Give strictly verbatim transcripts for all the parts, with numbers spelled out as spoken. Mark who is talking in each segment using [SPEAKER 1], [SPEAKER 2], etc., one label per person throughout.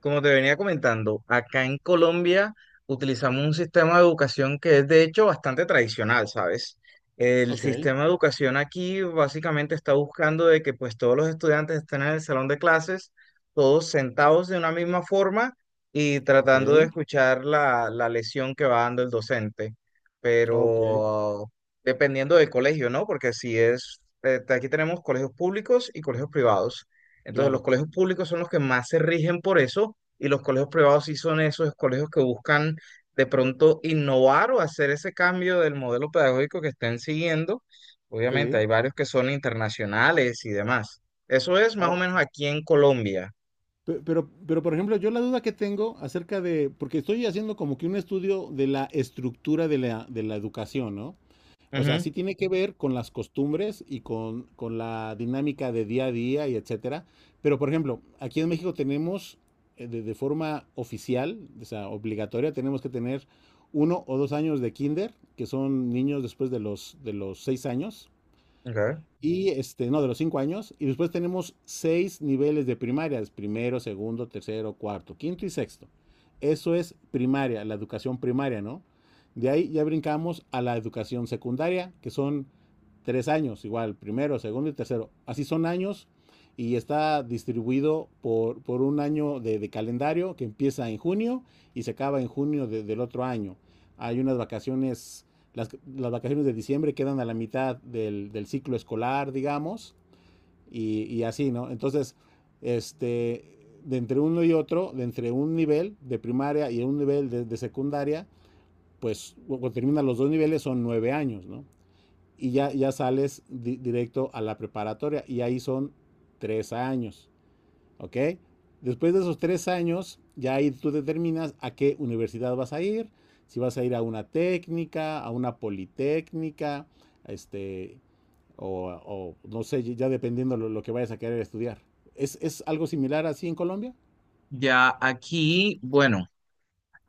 [SPEAKER 1] Como te venía comentando, acá en Colombia utilizamos un sistema de educación que es de hecho bastante tradicional, ¿sabes? El
[SPEAKER 2] Ok,
[SPEAKER 1] sistema de educación aquí básicamente está buscando de que pues todos los estudiantes estén en el salón de clases, todos sentados de una misma forma y
[SPEAKER 2] ok,
[SPEAKER 1] tratando de escuchar la, la lección que va dando el docente.
[SPEAKER 2] ok,
[SPEAKER 1] Pero dependiendo del colegio, ¿no? Porque si es, eh, aquí tenemos colegios públicos y colegios privados. Entonces los
[SPEAKER 2] claro.
[SPEAKER 1] colegios públicos son los que más se rigen por eso y los colegios privados sí son esos colegios que buscan de pronto innovar o hacer ese cambio del modelo pedagógico que estén siguiendo. Obviamente
[SPEAKER 2] Sí.
[SPEAKER 1] hay varios que son internacionales y demás. Eso es más o
[SPEAKER 2] Ah,
[SPEAKER 1] menos aquí en Colombia.
[SPEAKER 2] pe- Pero, pero, por ejemplo, yo la duda que tengo acerca de, porque estoy haciendo como que un estudio de la estructura de la, de la educación, ¿no? O sea,
[SPEAKER 1] Ujú,
[SPEAKER 2] sí tiene que ver con las costumbres y con, con la dinámica de día a día y etcétera. Pero, por ejemplo, aquí en México tenemos eh, de, de forma oficial, o sea, obligatoria, tenemos que tener uno o dos años de kinder, que son niños después de los, de los seis años.
[SPEAKER 1] ok.
[SPEAKER 2] Y este, no, de los cinco años. Y después tenemos seis niveles de primarias: primero, segundo, tercero, cuarto, quinto y sexto. Eso es primaria, la educación primaria, ¿no? De ahí ya brincamos a la educación secundaria, que son tres años, igual, primero, segundo y tercero. Así son años y está distribuido por, por un año de, de, calendario que empieza en junio y se acaba en junio de, del otro año. Hay unas vacaciones, las, las, vacaciones de diciembre quedan a la mitad del, del ciclo escolar, digamos, y, y, así, ¿no? Entonces, este, de entre uno y otro, de entre un nivel de primaria y un nivel de, de secundaria, pues cuando terminan los dos niveles son nueve años, ¿no? Y ya, ya sales di, directo a la preparatoria y ahí son tres años. ¿Ok? Después de esos tres años, ya ahí tú determinas a qué universidad vas a ir, si vas a ir a una técnica, a una politécnica, este, o, o no sé, ya dependiendo lo, lo que vayas a querer estudiar. ¿Es, es algo similar así en Colombia?
[SPEAKER 1] Ya aquí, bueno.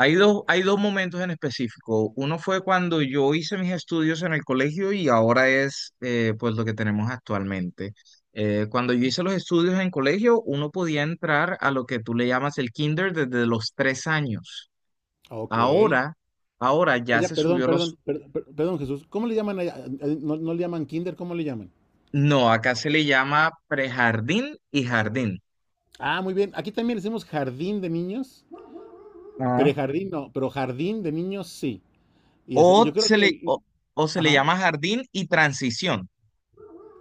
[SPEAKER 1] Hay dos, hay dos momentos en específico. Uno fue cuando yo hice mis estudios en el colegio y ahora es, eh, pues, lo que tenemos actualmente. Eh, cuando yo hice los estudios en colegio, uno podía entrar a lo que tú le llamas el kinder desde los tres años.
[SPEAKER 2] Ok.
[SPEAKER 1] Ahora, ahora ya
[SPEAKER 2] Allá,
[SPEAKER 1] se
[SPEAKER 2] perdón,
[SPEAKER 1] subió
[SPEAKER 2] perdón,
[SPEAKER 1] los...
[SPEAKER 2] per- per- perdón, Jesús. ¿Cómo le llaman allá? Eh, eh, ¿No, no le llaman kinder? ¿Cómo le llaman?
[SPEAKER 1] No, acá se le llama prejardín y jardín.
[SPEAKER 2] Ah, muy bien. Aquí también le decimos jardín de niños.
[SPEAKER 1] Ah.
[SPEAKER 2] Prejardín no, pero jardín de niños sí. Y, este, y
[SPEAKER 1] O
[SPEAKER 2] yo creo
[SPEAKER 1] se
[SPEAKER 2] que...
[SPEAKER 1] le, o,
[SPEAKER 2] el-
[SPEAKER 1] o se le
[SPEAKER 2] Ajá.
[SPEAKER 1] llama jardín y transición.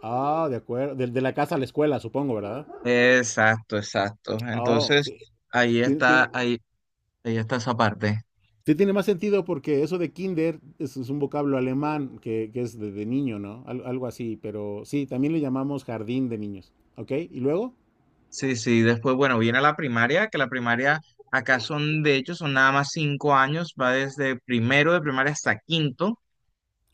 [SPEAKER 2] Ah, de acuerdo. De, de la casa a la escuela, supongo, ¿verdad?
[SPEAKER 1] Exacto, exacto.
[SPEAKER 2] Oh,
[SPEAKER 1] Entonces,
[SPEAKER 2] sí.
[SPEAKER 1] ahí
[SPEAKER 2] Tiene, tiene-
[SPEAKER 1] está, ahí, Ahí está esa parte.
[SPEAKER 2] sí tiene más sentido porque eso de kinder es, es un vocablo alemán que, que es de, de niño, ¿no? Al- algo así, pero sí, también le llamamos jardín de niños. ¿Ok? ¿Y luego?
[SPEAKER 1] Sí, sí, después, bueno, viene la primaria, que la primaria acá son, de hecho, son nada más cinco años, va desde primero de primaria hasta quinto.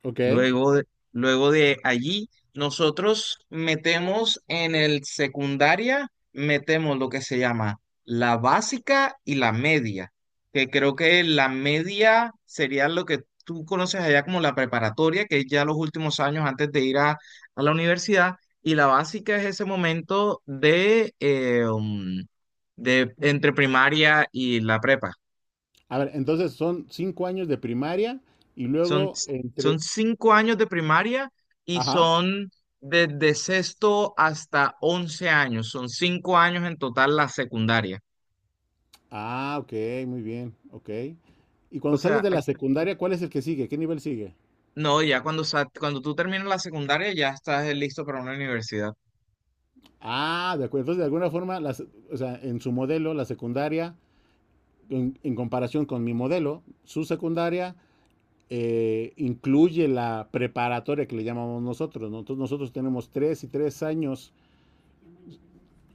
[SPEAKER 2] Ok.
[SPEAKER 1] Luego de, luego de allí, nosotros metemos en el secundaria, metemos lo que se llama la básica y la media, que creo que la media sería lo que tú conoces allá como la preparatoria, que es ya los últimos años antes de ir a, a la universidad, y la básica es ese momento de, eh, um, de entre primaria y la prepa.
[SPEAKER 2] A ver, entonces son cinco años de primaria y
[SPEAKER 1] Son,
[SPEAKER 2] luego
[SPEAKER 1] son
[SPEAKER 2] entre...
[SPEAKER 1] cinco años de primaria y
[SPEAKER 2] Ajá.
[SPEAKER 1] son desde sexto hasta once años. Son cinco años en total la secundaria.
[SPEAKER 2] Ah, ok, muy bien. Ok. Y
[SPEAKER 1] O
[SPEAKER 2] cuando sales
[SPEAKER 1] sea,
[SPEAKER 2] de la secundaria, ¿cuál es el que sigue? ¿Qué nivel sigue?
[SPEAKER 1] no, ya cuando, sa- cuando tú terminas la secundaria ya estás, eh, listo para una universidad.
[SPEAKER 2] Ah, de acuerdo. Entonces, de alguna forma, las, o sea, en su modelo, la secundaria en, en comparación con mi modelo, su secundaria eh, incluye la preparatoria que le llamamos nosotros, ¿no? Entonces nosotros tenemos tres y tres años,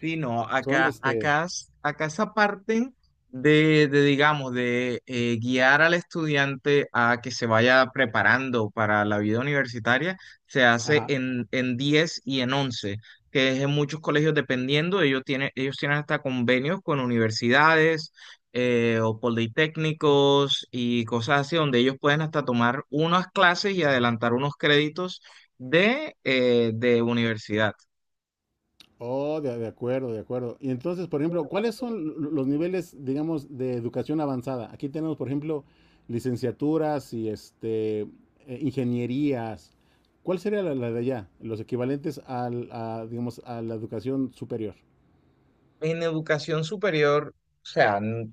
[SPEAKER 1] Sí, no,
[SPEAKER 2] son
[SPEAKER 1] acá,
[SPEAKER 2] este,
[SPEAKER 1] acá, es- acá esa parte de, de, digamos, de eh, guiar al estudiante a que se vaya preparando para la vida universitaria, se hace
[SPEAKER 2] ajá,
[SPEAKER 1] en, en diez y en once, que es en muchos colegios dependiendo, ellos tienen, ellos tienen hasta convenios con universidades, eh, o politécnicos y cosas así, donde ellos pueden hasta tomar unas clases y adelantar unos créditos de, eh, de universidad.
[SPEAKER 2] oh, de, de acuerdo, de acuerdo. Y entonces, por ejemplo, ¿cuáles son lo- los niveles, digamos, de educación avanzada? Aquí tenemos, por ejemplo, licenciaturas y este, eh, ingenierías. ¿Cuál sería la, la de allá? Los equivalentes al, a, digamos, a la educación superior.
[SPEAKER 1] En educación superior, o sea, n-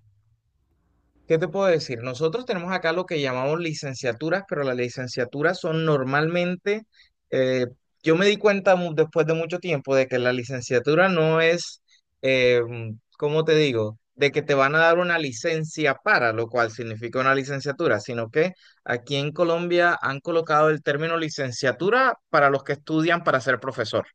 [SPEAKER 1] ¿qué te puedo decir? Nosotros tenemos acá lo que llamamos licenciaturas, pero las licenciaturas son normalmente, eh, yo me di cuenta, mu- después de mucho tiempo, de que la licenciatura no es, eh, mm, ¿cómo te digo? De que te van a dar una licencia para, lo cual significa una licenciatura, sino que aquí en Colombia han colocado el término licenciatura para los que estudian para ser profesor.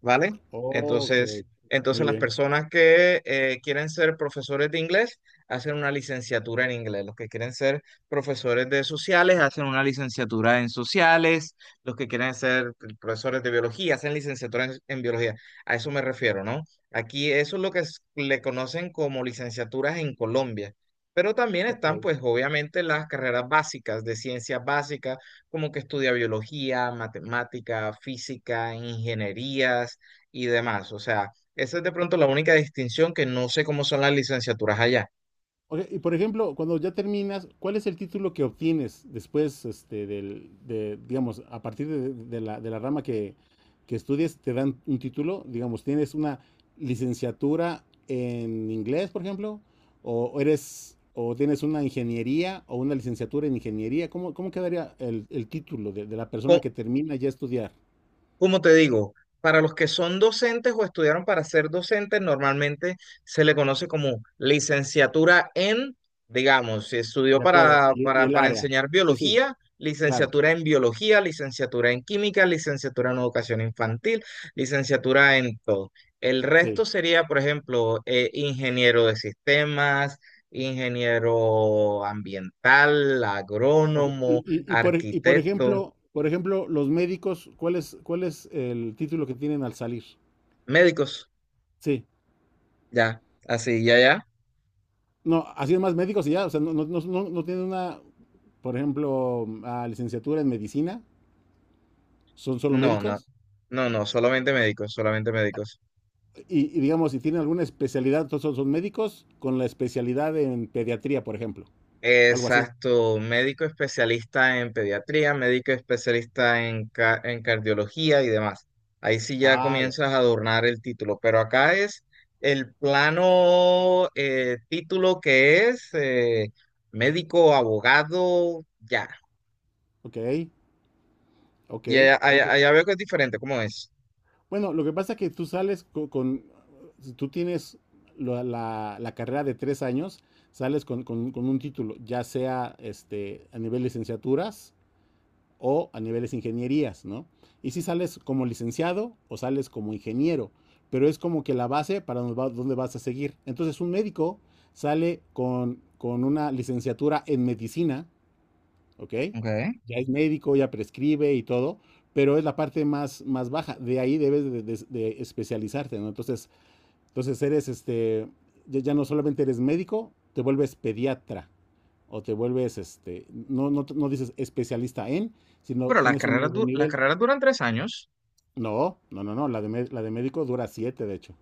[SPEAKER 1] ¿Vale?
[SPEAKER 2] Ok,
[SPEAKER 1] Entonces, entonces
[SPEAKER 2] muy
[SPEAKER 1] las
[SPEAKER 2] bien.
[SPEAKER 1] personas que, eh, quieren ser profesores de inglés hacen una licenciatura en inglés. Los que quieren ser profesores de sociales hacen una licenciatura en sociales. Los que quieren ser profesores de biología hacen licenciatura en, en biología. A eso me refiero, ¿no? Aquí eso es lo que es- le conocen como licenciaturas en Colombia. Pero también
[SPEAKER 2] Ok.
[SPEAKER 1] están, pues, obviamente, las carreras básicas de ciencias básicas, como que estudia biología, matemática, física, ingenierías y demás. O sea, esa es de pronto la única distinción, que no sé cómo son las licenciaturas allá.
[SPEAKER 2] Ok, y por ejemplo, cuando ya terminas, ¿cuál es el título que obtienes después, este, del, de, digamos, a partir de, de la, de la rama que, que estudies, te dan un título? Digamos, ¿tienes una licenciatura en inglés, por ejemplo? ¿O o eres, o tienes una ingeniería o una licenciatura en ingeniería? ¿Cómo, cómo quedaría el, el título de, de la persona que termina ya estudiar?
[SPEAKER 1] Como te digo, para los que son docentes o estudiaron para ser docentes, normalmente se le conoce como licenciatura en, digamos, si estudió
[SPEAKER 2] De acuerdo,
[SPEAKER 1] para,
[SPEAKER 2] y, y
[SPEAKER 1] para,
[SPEAKER 2] el
[SPEAKER 1] para
[SPEAKER 2] área.
[SPEAKER 1] enseñar
[SPEAKER 2] Sí, sí,
[SPEAKER 1] biología,
[SPEAKER 2] claro,
[SPEAKER 1] licenciatura en biología, licenciatura en química, licenciatura en educación infantil, licenciatura en todo. El resto
[SPEAKER 2] sí.
[SPEAKER 1] sería, por ejemplo, eh, ingeniero de sistemas, ingeniero ambiental,
[SPEAKER 2] Ok. Y,
[SPEAKER 1] agrónomo,
[SPEAKER 2] y- y por, y por
[SPEAKER 1] arquitecto,
[SPEAKER 2] ejemplo, por ejemplo, los médicos, ¿cuál es, cuál es el título que tienen al salir?
[SPEAKER 1] médicos,
[SPEAKER 2] Sí.
[SPEAKER 1] ya, así, ya, ya.
[SPEAKER 2] No, así es más médicos y ya, o sea, no, no, no, no- no tienen una, por ejemplo, ah, licenciatura en medicina, son solo
[SPEAKER 1] No, no,
[SPEAKER 2] médicos.
[SPEAKER 1] no, no, solamente médicos, solamente médicos.
[SPEAKER 2] Y, y digamos, si tienen alguna especialidad, entonces son, son médicos con la especialidad en pediatría, por ejemplo, algo así.
[SPEAKER 1] Exacto, médico especialista en pediatría, médico especialista en, ca- en cardiología y demás. Ahí sí ya
[SPEAKER 2] Ah, ya.
[SPEAKER 1] comienzas a adornar el título, pero acá es el plano, eh, título que es, eh, médico, abogado, ya.
[SPEAKER 2] Ok, ok.
[SPEAKER 1] Y allá, allá- allá veo que es diferente, ¿cómo es?
[SPEAKER 2] Bueno, lo que pasa es que tú sales co- con, si tú tienes la, la- la carrera de tres años, sales con, con- con un título, ya sea este, a nivel licenciaturas o a niveles ingenierías, ¿no? Y si sales como licenciado o sales como ingeniero, pero es como que la base para dónde va- dónde vas a seguir. Entonces un médico sale con, con una licenciatura en medicina. ¿Ok?
[SPEAKER 1] Okay.
[SPEAKER 2] Ya es médico, ya prescribe y todo, pero es la parte más, más baja. De ahí debes de, de- de especializarte, ¿no? Entonces, entonces eres este, ya, ya no solamente eres médico, te vuelves pediatra o te vuelves este, no, no, no dices especialista en, sino
[SPEAKER 1] Pero las
[SPEAKER 2] tienes un
[SPEAKER 1] carreras,
[SPEAKER 2] nuevo
[SPEAKER 1] du- las
[SPEAKER 2] nivel.
[SPEAKER 1] carreras duran tres años.
[SPEAKER 2] No, no, no, no, la de, mé- la de médico dura siete, de hecho.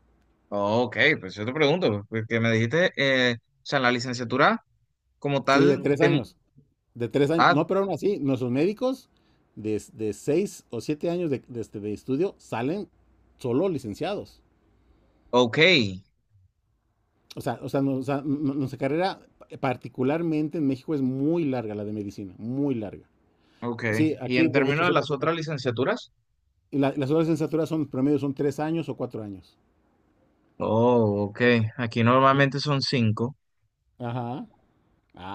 [SPEAKER 1] Ok, pues yo te pregunto, porque me dijiste, eh, o sea, la licenciatura como
[SPEAKER 2] Sí, de
[SPEAKER 1] tal,
[SPEAKER 2] Mm. tres
[SPEAKER 1] de...
[SPEAKER 2] años, de tres años.
[SPEAKER 1] Ah,
[SPEAKER 2] No, pero aún así, nuestros médicos de, de seis o siete años de, de este, de estudio salen solo licenciados.
[SPEAKER 1] ok,
[SPEAKER 2] O sea, o sea, no- o sea, n- nuestra carrera, eh, particularmente en México, es muy larga, la de medicina, muy larga.
[SPEAKER 1] ok.
[SPEAKER 2] Sí,
[SPEAKER 1] ¿Y
[SPEAKER 2] aquí,
[SPEAKER 1] en
[SPEAKER 2] de, de hecho,
[SPEAKER 1] términos de
[SPEAKER 2] se-
[SPEAKER 1] las otras licenciaturas?
[SPEAKER 2] la- las horas de licenciatura son promedio, son tres años o cuatro años.
[SPEAKER 1] Oh, ok, aquí
[SPEAKER 2] Y-
[SPEAKER 1] normalmente son cinco.
[SPEAKER 2] Ajá.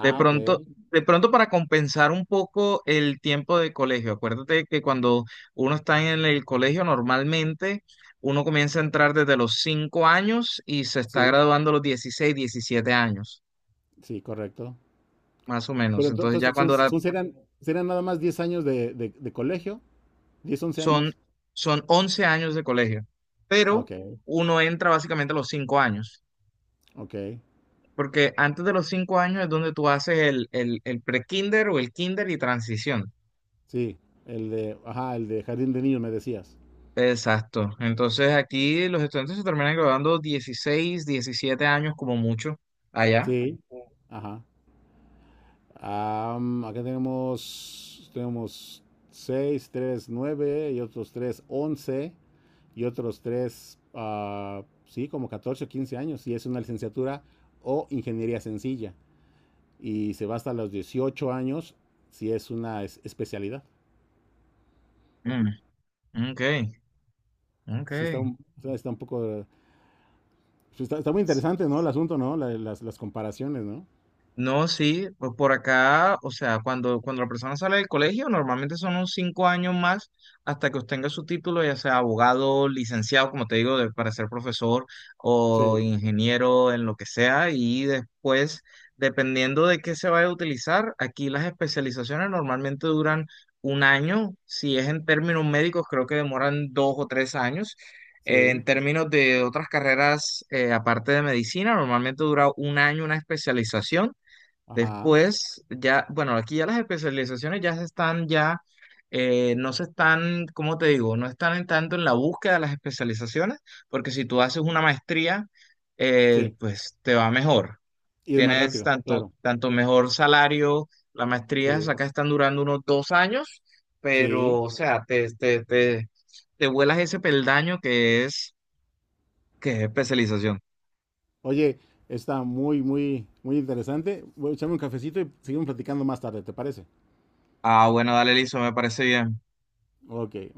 [SPEAKER 1] De pronto,
[SPEAKER 2] ok.
[SPEAKER 1] de pronto para compensar un poco el tiempo de colegio, acuérdate que cuando uno está en el colegio normalmente uno comienza a entrar desde los cinco años y se está
[SPEAKER 2] Sí,
[SPEAKER 1] graduando a los dieciséis, diecisiete años,
[SPEAKER 2] sí, correcto.
[SPEAKER 1] más o
[SPEAKER 2] Pero
[SPEAKER 1] menos.
[SPEAKER 2] ento-
[SPEAKER 1] Entonces ya
[SPEAKER 2] entonces, son,
[SPEAKER 1] cuando la
[SPEAKER 2] son- serán, serán nada más diez años de, de- de colegio, diez once
[SPEAKER 1] Son,
[SPEAKER 2] años.
[SPEAKER 1] son once años de colegio,
[SPEAKER 2] Ah,
[SPEAKER 1] pero
[SPEAKER 2] ok,
[SPEAKER 1] uno entra básicamente a los cinco años,
[SPEAKER 2] ok.
[SPEAKER 1] porque antes de los cinco años es donde tú haces el, el, el pre-kinder o el kinder y transición.
[SPEAKER 2] Sí, el de, ajá, el de jardín de niños me decías.
[SPEAKER 1] Exacto. Entonces aquí los estudiantes se terminan graduando dieciséis diecisiete años como mucho allá.
[SPEAKER 2] Sí, ajá. Am, acá tenemos, tenemos seis tres nueve y otros tres once y otros tres, sí, como catorce o quince años. Y es una licenciatura o ingeniería sencilla. Y se va hasta los dieciocho años si es una es- especialidad.
[SPEAKER 1] Mm, ok,
[SPEAKER 2] Sí, está
[SPEAKER 1] ok.
[SPEAKER 2] un, está un poco, sí, está, está muy interesante, ¿no? El asunto, ¿no? La- las, las comparaciones, ¿no?
[SPEAKER 1] No, sí, pues por acá, o sea, cuando, cuando la persona sale del colegio, normalmente son unos cinco años más hasta que obtenga su título, ya sea abogado, licenciado, como te digo, de- para ser profesor o
[SPEAKER 2] Sí,
[SPEAKER 1] ingeniero en lo que sea, y después, dependiendo de qué se vaya a utilizar, aquí las especializaciones normalmente duran un año; si es en términos médicos, creo que demoran dos o tres años. Eh, En
[SPEAKER 2] sí,
[SPEAKER 1] términos de otras carreras, eh, aparte de medicina, normalmente dura un año una especialización.
[SPEAKER 2] ajá,
[SPEAKER 1] Después, ya, bueno, aquí ya las especializaciones ya se están, ya, eh, no se están, ¿cómo te digo? No están en tanto en la búsqueda de las especializaciones, porque si tú haces una maestría, eh,
[SPEAKER 2] sí.
[SPEAKER 1] pues te va mejor.
[SPEAKER 2] Y es más
[SPEAKER 1] Tienes
[SPEAKER 2] rápido,
[SPEAKER 1] tanto,
[SPEAKER 2] claro.
[SPEAKER 1] tanto mejor salario, la maestría
[SPEAKER 2] Sí,
[SPEAKER 1] acá están durando unos dos años,
[SPEAKER 2] sí.
[SPEAKER 1] pero, o sea, te, te, te, te vuelas ese peldaño que es, que es especialización.
[SPEAKER 2] Oye, está muy, muy, muy interesante. Voy a echarme un cafecito y seguimos platicando más tarde, ¿te parece?
[SPEAKER 1] Ah, bueno, dale, listo, me parece bien.
[SPEAKER 2] Ok.